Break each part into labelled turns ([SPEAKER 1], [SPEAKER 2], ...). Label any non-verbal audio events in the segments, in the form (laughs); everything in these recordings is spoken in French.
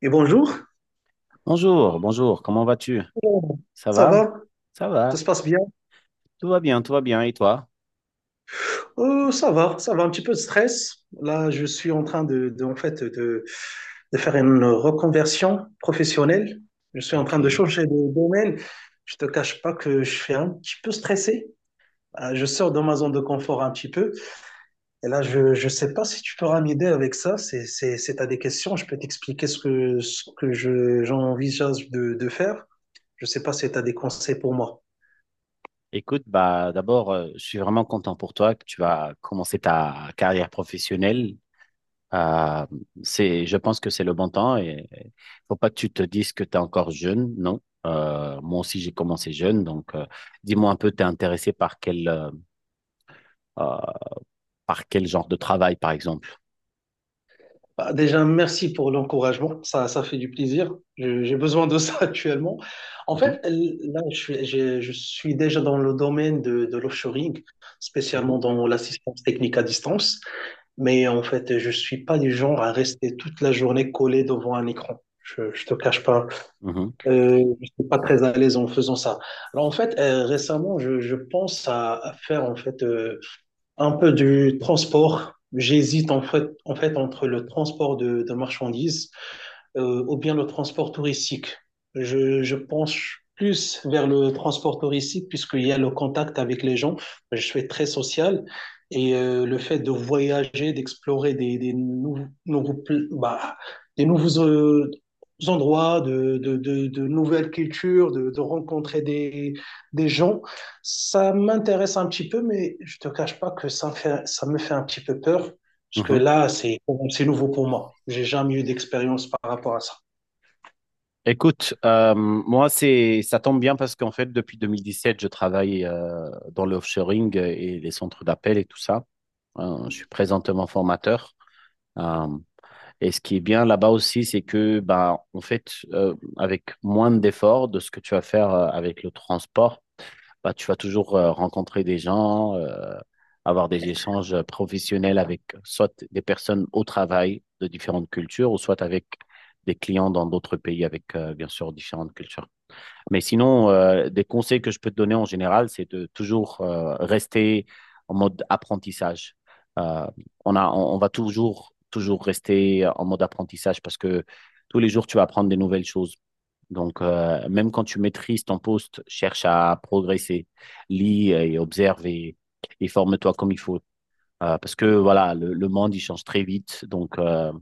[SPEAKER 1] Et bonjour.
[SPEAKER 2] Bonjour, bonjour, comment vas-tu?
[SPEAKER 1] Oh,
[SPEAKER 2] Ça
[SPEAKER 1] ça
[SPEAKER 2] va?
[SPEAKER 1] va?
[SPEAKER 2] Ça
[SPEAKER 1] Tout
[SPEAKER 2] va,
[SPEAKER 1] se passe bien?
[SPEAKER 2] tout va bien, et toi?
[SPEAKER 1] Ça va, ça va, un petit peu de stress. Là, je suis en train de faire une reconversion professionnelle. Je suis en train de
[SPEAKER 2] Ok.
[SPEAKER 1] changer de domaine. Je te cache pas que je suis un petit peu stressé. Je sors de ma zone de confort un petit peu. Et là, je sais pas si tu pourras m'aider avec ça. C'est t'as des questions. Je peux t'expliquer ce que j'envisage de faire. Je sais pas si tu as des conseils pour moi.
[SPEAKER 2] Écoute, bah d'abord, je suis vraiment content pour toi que tu vas commencer ta carrière professionnelle. Euh, c'est, je pense que c'est le bon temps et faut pas que tu te dises que tu es encore jeune, non? Moi aussi, j'ai commencé jeune, donc dis-moi un peu, t'es intéressé euh, par quel genre de travail, par exemple?
[SPEAKER 1] Bah, déjà, merci pour l'encouragement. Ça fait du plaisir. J'ai besoin de ça (laughs) actuellement. En
[SPEAKER 2] Mhm,
[SPEAKER 1] fait, là, je suis déjà dans le domaine de l'offshoring,
[SPEAKER 2] mhm,
[SPEAKER 1] spécialement dans l'assistance technique à distance. Mais en fait, je suis pas du genre à rester toute la journée collé devant un écran. Je te cache pas.
[SPEAKER 2] mhm,
[SPEAKER 1] Je suis pas très à l'aise en faisant ça. Alors, en fait, récemment, je pense à faire, en fait, un peu du transport. J'hésite en fait entre le transport de marchandises ou bien le transport touristique. Je penche plus vers le transport touristique puisqu'il y a le contact avec les gens. Je suis très social et le fait de voyager, d'explorer des nouveaux, nouveaux bah, des nouveaux endroits, de nouvelles cultures, de rencontrer des gens. Ça m'intéresse un petit peu, mais je te cache pas que ça me fait un petit peu peur parce que
[SPEAKER 2] mhm.
[SPEAKER 1] là, c'est nouveau pour moi. J'ai jamais eu d'expérience par rapport à ça.
[SPEAKER 2] Écoute, moi, c'est, ça tombe bien parce qu'en fait, depuis 2017, je travaille dans le offshoring et les centres d'appel et tout ça. Je suis présentement formateur. Euh, et ce qui est bien là-bas aussi, c'est que, bah, en fait, avec moins d'efforts de ce que tu vas faire avec le transport, bah, tu vas toujours rencontrer des gens, avoir des échanges professionnels avec soit des personnes au travail de différentes cultures, ou soit avec des clients dans d'autres pays avec, bien sûr, différentes cultures. Mais sinon, des conseils que je peux te donner en général, c'est de toujours rester en mode apprentissage. Euh, on va toujours, toujours rester en mode apprentissage parce que tous les jours, tu vas apprendre des nouvelles choses. Donc, même quand tu maîtrises ton poste, cherche à progresser, lis et observe et forme-toi comme il faut. Parce que voilà, le monde, il change très vite. Donc,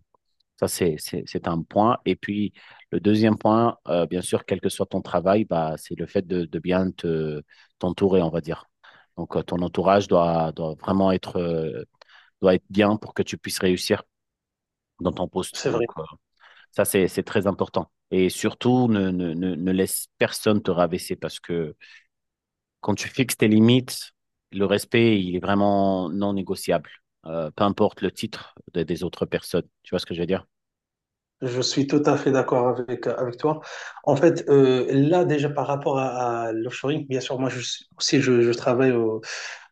[SPEAKER 2] ça, c'est un point. Et puis, le deuxième point, bien sûr, quel que soit ton travail, bah, c'est le fait de bien te, t'entourer, on va dire. Donc, ton entourage doit vraiment être, doit être bien pour que tu puisses réussir dans ton poste.
[SPEAKER 1] C'est
[SPEAKER 2] Donc,
[SPEAKER 1] vrai.
[SPEAKER 2] ça, c'est très important. Et surtout, ne laisse personne te rabaisser parce que quand tu fixes tes limites, le respect, il est vraiment non négociable. Peu importe le titre de- des autres personnes. Tu vois ce que je veux dire?
[SPEAKER 1] Je suis tout à fait d'accord avec, avec toi. En fait, là, déjà par rapport à l'offshoring, bien sûr, moi je suis- aussi, je travaille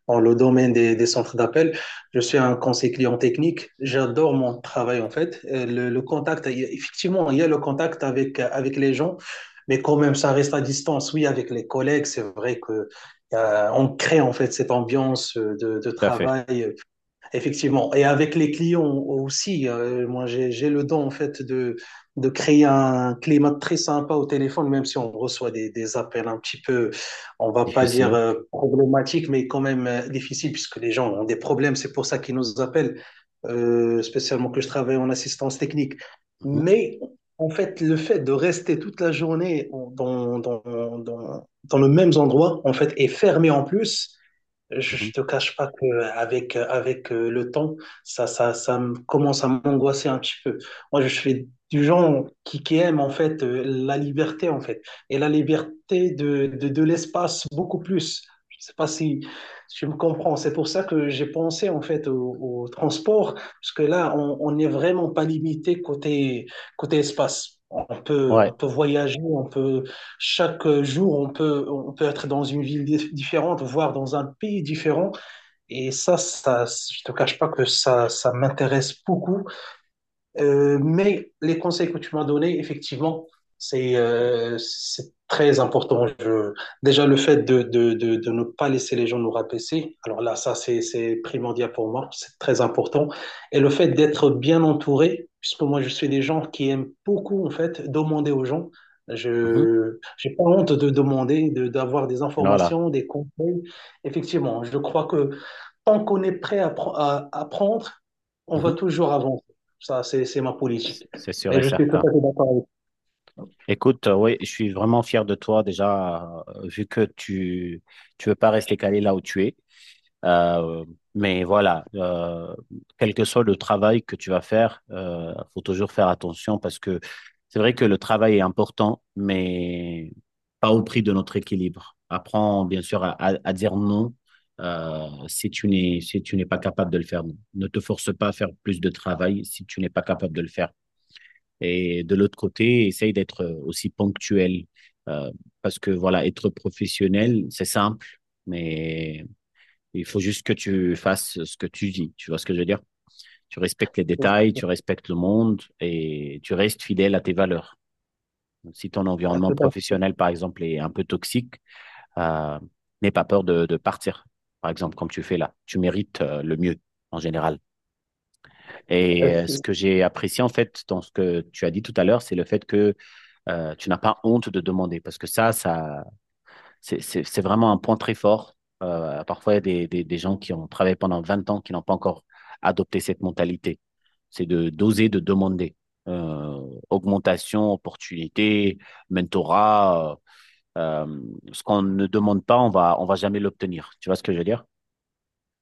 [SPEAKER 1] dans le domaine des centres d'appel. Je suis un conseiller client technique. J'adore mon travail, en fait. Le contact, effectivement, il y a le contact avec, avec les gens, mais quand même, ça reste à distance. Oui, avec les collègues, c'est vrai que on crée en fait cette ambiance de
[SPEAKER 2] Tout à fait.
[SPEAKER 1] travail. Effectivement. Et avec les clients aussi, moi j'ai le don en fait de créer un climat très sympa au téléphone, même si on reçoit des appels un petit peu, on va pas dire
[SPEAKER 2] Difficile.
[SPEAKER 1] problématiques, mais quand même difficiles, puisque les gens ont des problèmes, c'est pour ça qu'ils nous appellent, spécialement que je travaille en assistance technique.
[SPEAKER 2] Mhm,
[SPEAKER 1] Mais en fait, le fait de rester toute la journée dans le même endroit, en fait, et fermé en plus,
[SPEAKER 2] mhm.
[SPEAKER 1] je te cache pas que avec le temps, ça me commence à m'angoisser un petit peu. Moi, je suis du genre qui aime en fait la liberté en fait et la liberté de l'espace beaucoup plus. Je sais pas si tu me comprends. C'est pour ça que j'ai pensé en fait au, au transport parce que là, on n'est vraiment pas limité côté espace.
[SPEAKER 2] Ouais.
[SPEAKER 1] On peut voyager, on peut chaque jour, on peut être dans une ville différente, voire dans un pays différent. Et ça, je ne te cache pas que ça m'intéresse beaucoup. Mais les conseils que tu m'as donnés, effectivement, c'est très important. Déjà, le fait de, de ne pas laisser les gens nous rabaisser, alors là, ça, c'est primordial pour moi, c'est très important. Et le fait d'être bien entouré, puisque moi, je suis des gens qui aiment beaucoup, en fait, demander aux gens.
[SPEAKER 2] Mhm.
[SPEAKER 1] Je j'ai pas honte de demander, de, d'avoir des
[SPEAKER 2] Voilà.
[SPEAKER 1] informations, des conseils. Effectivement, je crois que tant qu'on est prêt à, à apprendre, on
[SPEAKER 2] Mhm.
[SPEAKER 1] va toujours avancer. Ça, c'est ma politique.
[SPEAKER 2] C'est sûr
[SPEAKER 1] Mais
[SPEAKER 2] et
[SPEAKER 1] je suis tout
[SPEAKER 2] certain.
[SPEAKER 1] à fait d'accord avec
[SPEAKER 2] Écoute, oui, je suis vraiment fier de toi déjà, vu que tu veux pas rester calé là où tu es. Euh, mais voilà, quel que soit le travail que tu vas faire, faut toujours faire attention parce que c'est vrai que le travail est important, mais pas au prix de notre équilibre. Apprends bien sûr à dire non si tu n'es si tu n'es pas capable de le faire. Ne te force pas à faire plus de travail si tu n'es pas capable de le faire. Et de l'autre côté, essaye d'être aussi ponctuel euh, parce que voilà, être professionnel, c'est simple. Mais il faut juste que tu fasses ce que tu dis. Tu vois ce que je veux dire. Tu respectes les
[SPEAKER 1] vous.
[SPEAKER 2] détails,
[SPEAKER 1] Tout
[SPEAKER 2] tu respectes le monde et tu restes fidèle à tes valeurs. Si ton
[SPEAKER 1] à
[SPEAKER 2] environnement professionnel, par exemple, est un peu toxique, euh, n'aie pas peur partir. Par exemple, comme tu fais là, tu mérites le mieux en général. Et ce
[SPEAKER 1] fait.
[SPEAKER 2] que j'ai apprécié en fait dans ce que tu as dit tout à l'heure, c'est le fait que tu n'as pas honte de demander, parce que c'est vraiment un point très fort. Parfois, il y a des gens qui ont travaillé pendant 20 ans qui n'ont pas encore adopté cette mentalité. C'est de d'oser, de demander. Euh, Augmentation, opportunité, mentorat, euh, euh, ce qu'on ne demande pas, on va jamais l'obtenir. Tu vois ce que je veux dire?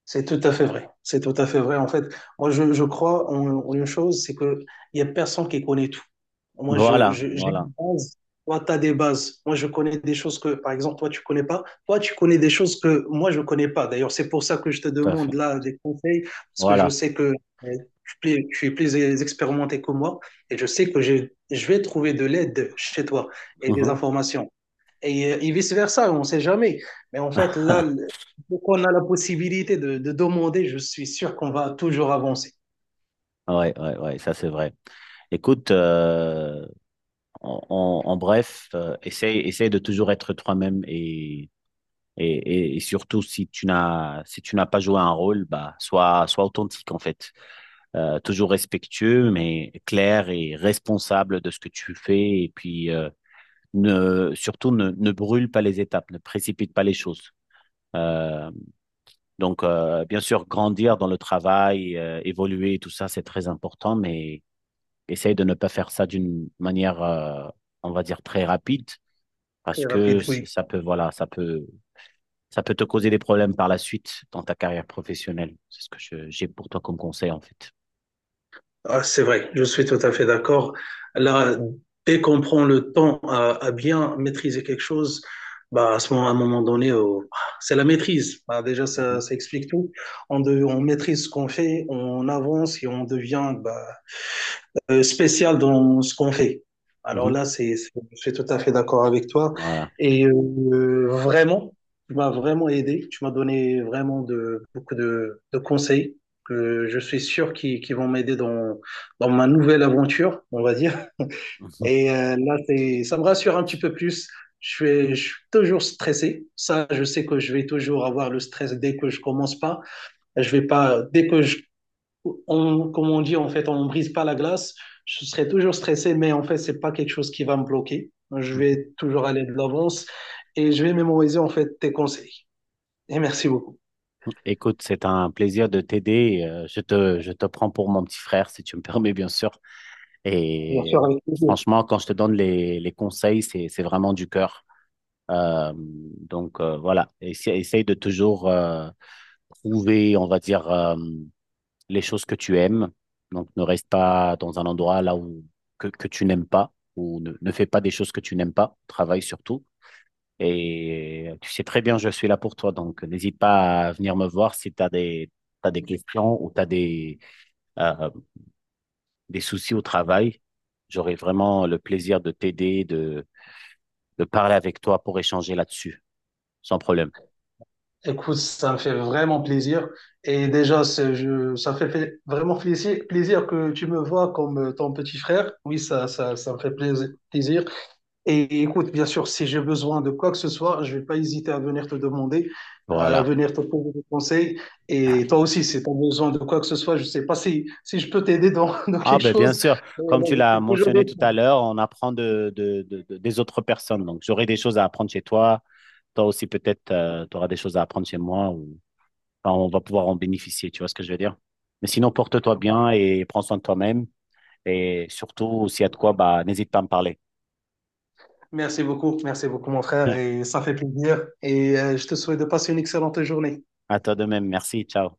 [SPEAKER 1] C'est tout à fait vrai. C'est tout à fait vrai. En fait, moi, je crois en, en une chose, c'est qu'il n'y a personne qui connaît tout. Moi,
[SPEAKER 2] Voilà,
[SPEAKER 1] j'ai
[SPEAKER 2] voilà,
[SPEAKER 1] une base. Toi, tu as des bases. Moi, je connais des choses que, par exemple, toi, tu connais pas. Toi, tu connais des choses que moi, je connais pas. D'ailleurs, c'est pour ça que je te
[SPEAKER 2] tout à fait.
[SPEAKER 1] demande là des conseils, parce que je
[SPEAKER 2] Voilà.
[SPEAKER 1] sais que tu, tu es plus expérimenté que moi, et je sais que je vais trouver de l'aide chez toi et des
[SPEAKER 2] Mhm.
[SPEAKER 1] informations et vice-versa, on ne sait jamais. Mais en fait, là,
[SPEAKER 2] (laughs)
[SPEAKER 1] dès qu'on a la possibilité de demander, je suis sûr qu'on va toujours avancer.
[SPEAKER 2] Ouais, ouais, ouais, ça c'est vrai. Écoute, en bref, essaye de toujours être toi-même et, et surtout, si tu n'as si tu n'as pas joué un rôle, bah, sois authentique en fait. Toujours respectueux, mais clair et responsable de ce que tu fais. Et puis, ne, surtout, ne, ne brûle pas les étapes, ne précipite pas les choses. Euh, donc, bien sûr, grandir dans le travail, évoluer, tout ça, c'est très important, mais essaye de ne pas faire ça d'une manière, on va dire, très rapide,
[SPEAKER 1] Très
[SPEAKER 2] parce que
[SPEAKER 1] rapide, oui.
[SPEAKER 2] ça peut, voilà, ça peut te causer des problèmes par la suite dans ta carrière professionnelle. C'est ce que je- j'ai pour toi comme conseil, en fait.
[SPEAKER 1] Ah, c'est vrai, je suis tout à fait d'accord. Là, dès qu'on prend le temps à bien maîtriser quelque chose, bah, à ce moment, à un moment donné, oh, c'est la maîtrise. Bah, déjà,
[SPEAKER 2] Mhm,
[SPEAKER 1] ça explique tout. On maîtrise ce qu'on fait, on avance et on devient bah, spécial dans ce qu'on fait. Alors
[SPEAKER 2] mhm.
[SPEAKER 1] là, je suis tout à fait d'accord avec toi.
[SPEAKER 2] Voilà.
[SPEAKER 1] Et vraiment, tu m'as vraiment aidé. Tu m'as donné vraiment de, beaucoup de conseils que je suis sûr qui vont m'aider dans, dans ma nouvelle aventure, on va dire.
[SPEAKER 2] (laughs)
[SPEAKER 1] Et là, ça me rassure un petit peu plus. Je suis toujours stressé. Ça, je sais que je vais toujours avoir le stress dès que je commence pas. Je vais pas, dès que je on, comme on dit, en fait, on ne brise pas la glace. Je serai toujours stressé, mais en fait, c'est pas quelque chose qui va me bloquer. Je
[SPEAKER 2] Mhm, mhm.
[SPEAKER 1] vais toujours aller de l'avance et je vais mémoriser, en fait, tes conseils. Et merci beaucoup.
[SPEAKER 2] Écoute, c'est un plaisir de t'aider. Je te prends pour mon petit frère, si tu me (laughs) permets, bien sûr.
[SPEAKER 1] Bien
[SPEAKER 2] Et
[SPEAKER 1] sûr, avec plaisir.
[SPEAKER 2] franchement, quand je te donne les conseils, c'est vraiment du cœur. Donc voilà, Essa- essaye de toujours trouver, on va dire, les choses que tu aimes. Donc ne reste pas dans un endroit là où que tu n'aimes pas ou ne fais pas des choses que tu n'aimes pas. Travaille surtout. Et tu sais très bien, je suis là pour toi. Donc n'hésite pas à venir me voir si t'as des questions ou tu as euh, des soucis au travail. J'aurai vraiment le plaisir de t'aider, de parler avec toi pour échanger là-dessus, sans problème.
[SPEAKER 1] Écoute, ça me fait vraiment plaisir. Et déjà, ça fait vraiment plaisir que tu me vois comme ton petit frère. Oui, ça me fait plaisir. Et écoute, bien sûr, si j'ai besoin de quoi que ce soit, je vais pas hésiter à venir te demander, à
[SPEAKER 2] Voilà.
[SPEAKER 1] venir te poser des conseils. Et toi aussi, si tu as besoin de quoi que ce soit, je sais pas si je peux t'aider dans, (laughs) dans
[SPEAKER 2] Ah
[SPEAKER 1] quelque
[SPEAKER 2] ben bien
[SPEAKER 1] chose.
[SPEAKER 2] sûr,
[SPEAKER 1] Mais
[SPEAKER 2] comme
[SPEAKER 1] là,
[SPEAKER 2] tu
[SPEAKER 1] je
[SPEAKER 2] l'as
[SPEAKER 1] suis toujours
[SPEAKER 2] mentionné tout
[SPEAKER 1] dispo.
[SPEAKER 2] à l'heure, on apprend des autres personnes. Donc j'aurai des choses à apprendre chez toi, toi aussi peut-être tu auras des choses à apprendre chez moi ou enfin, on va pouvoir en bénéficier, tu vois ce que je veux dire? Mais sinon porte-toi bien et prends soin de toi-même et surtout s'il y a de quoi bah n'hésite pas à me parler.
[SPEAKER 1] Merci beaucoup, mon frère.
[SPEAKER 2] (laughs)
[SPEAKER 1] Et ça fait plaisir. Et je te souhaite de passer une excellente journée.
[SPEAKER 2] À toi de même, merci, ciao.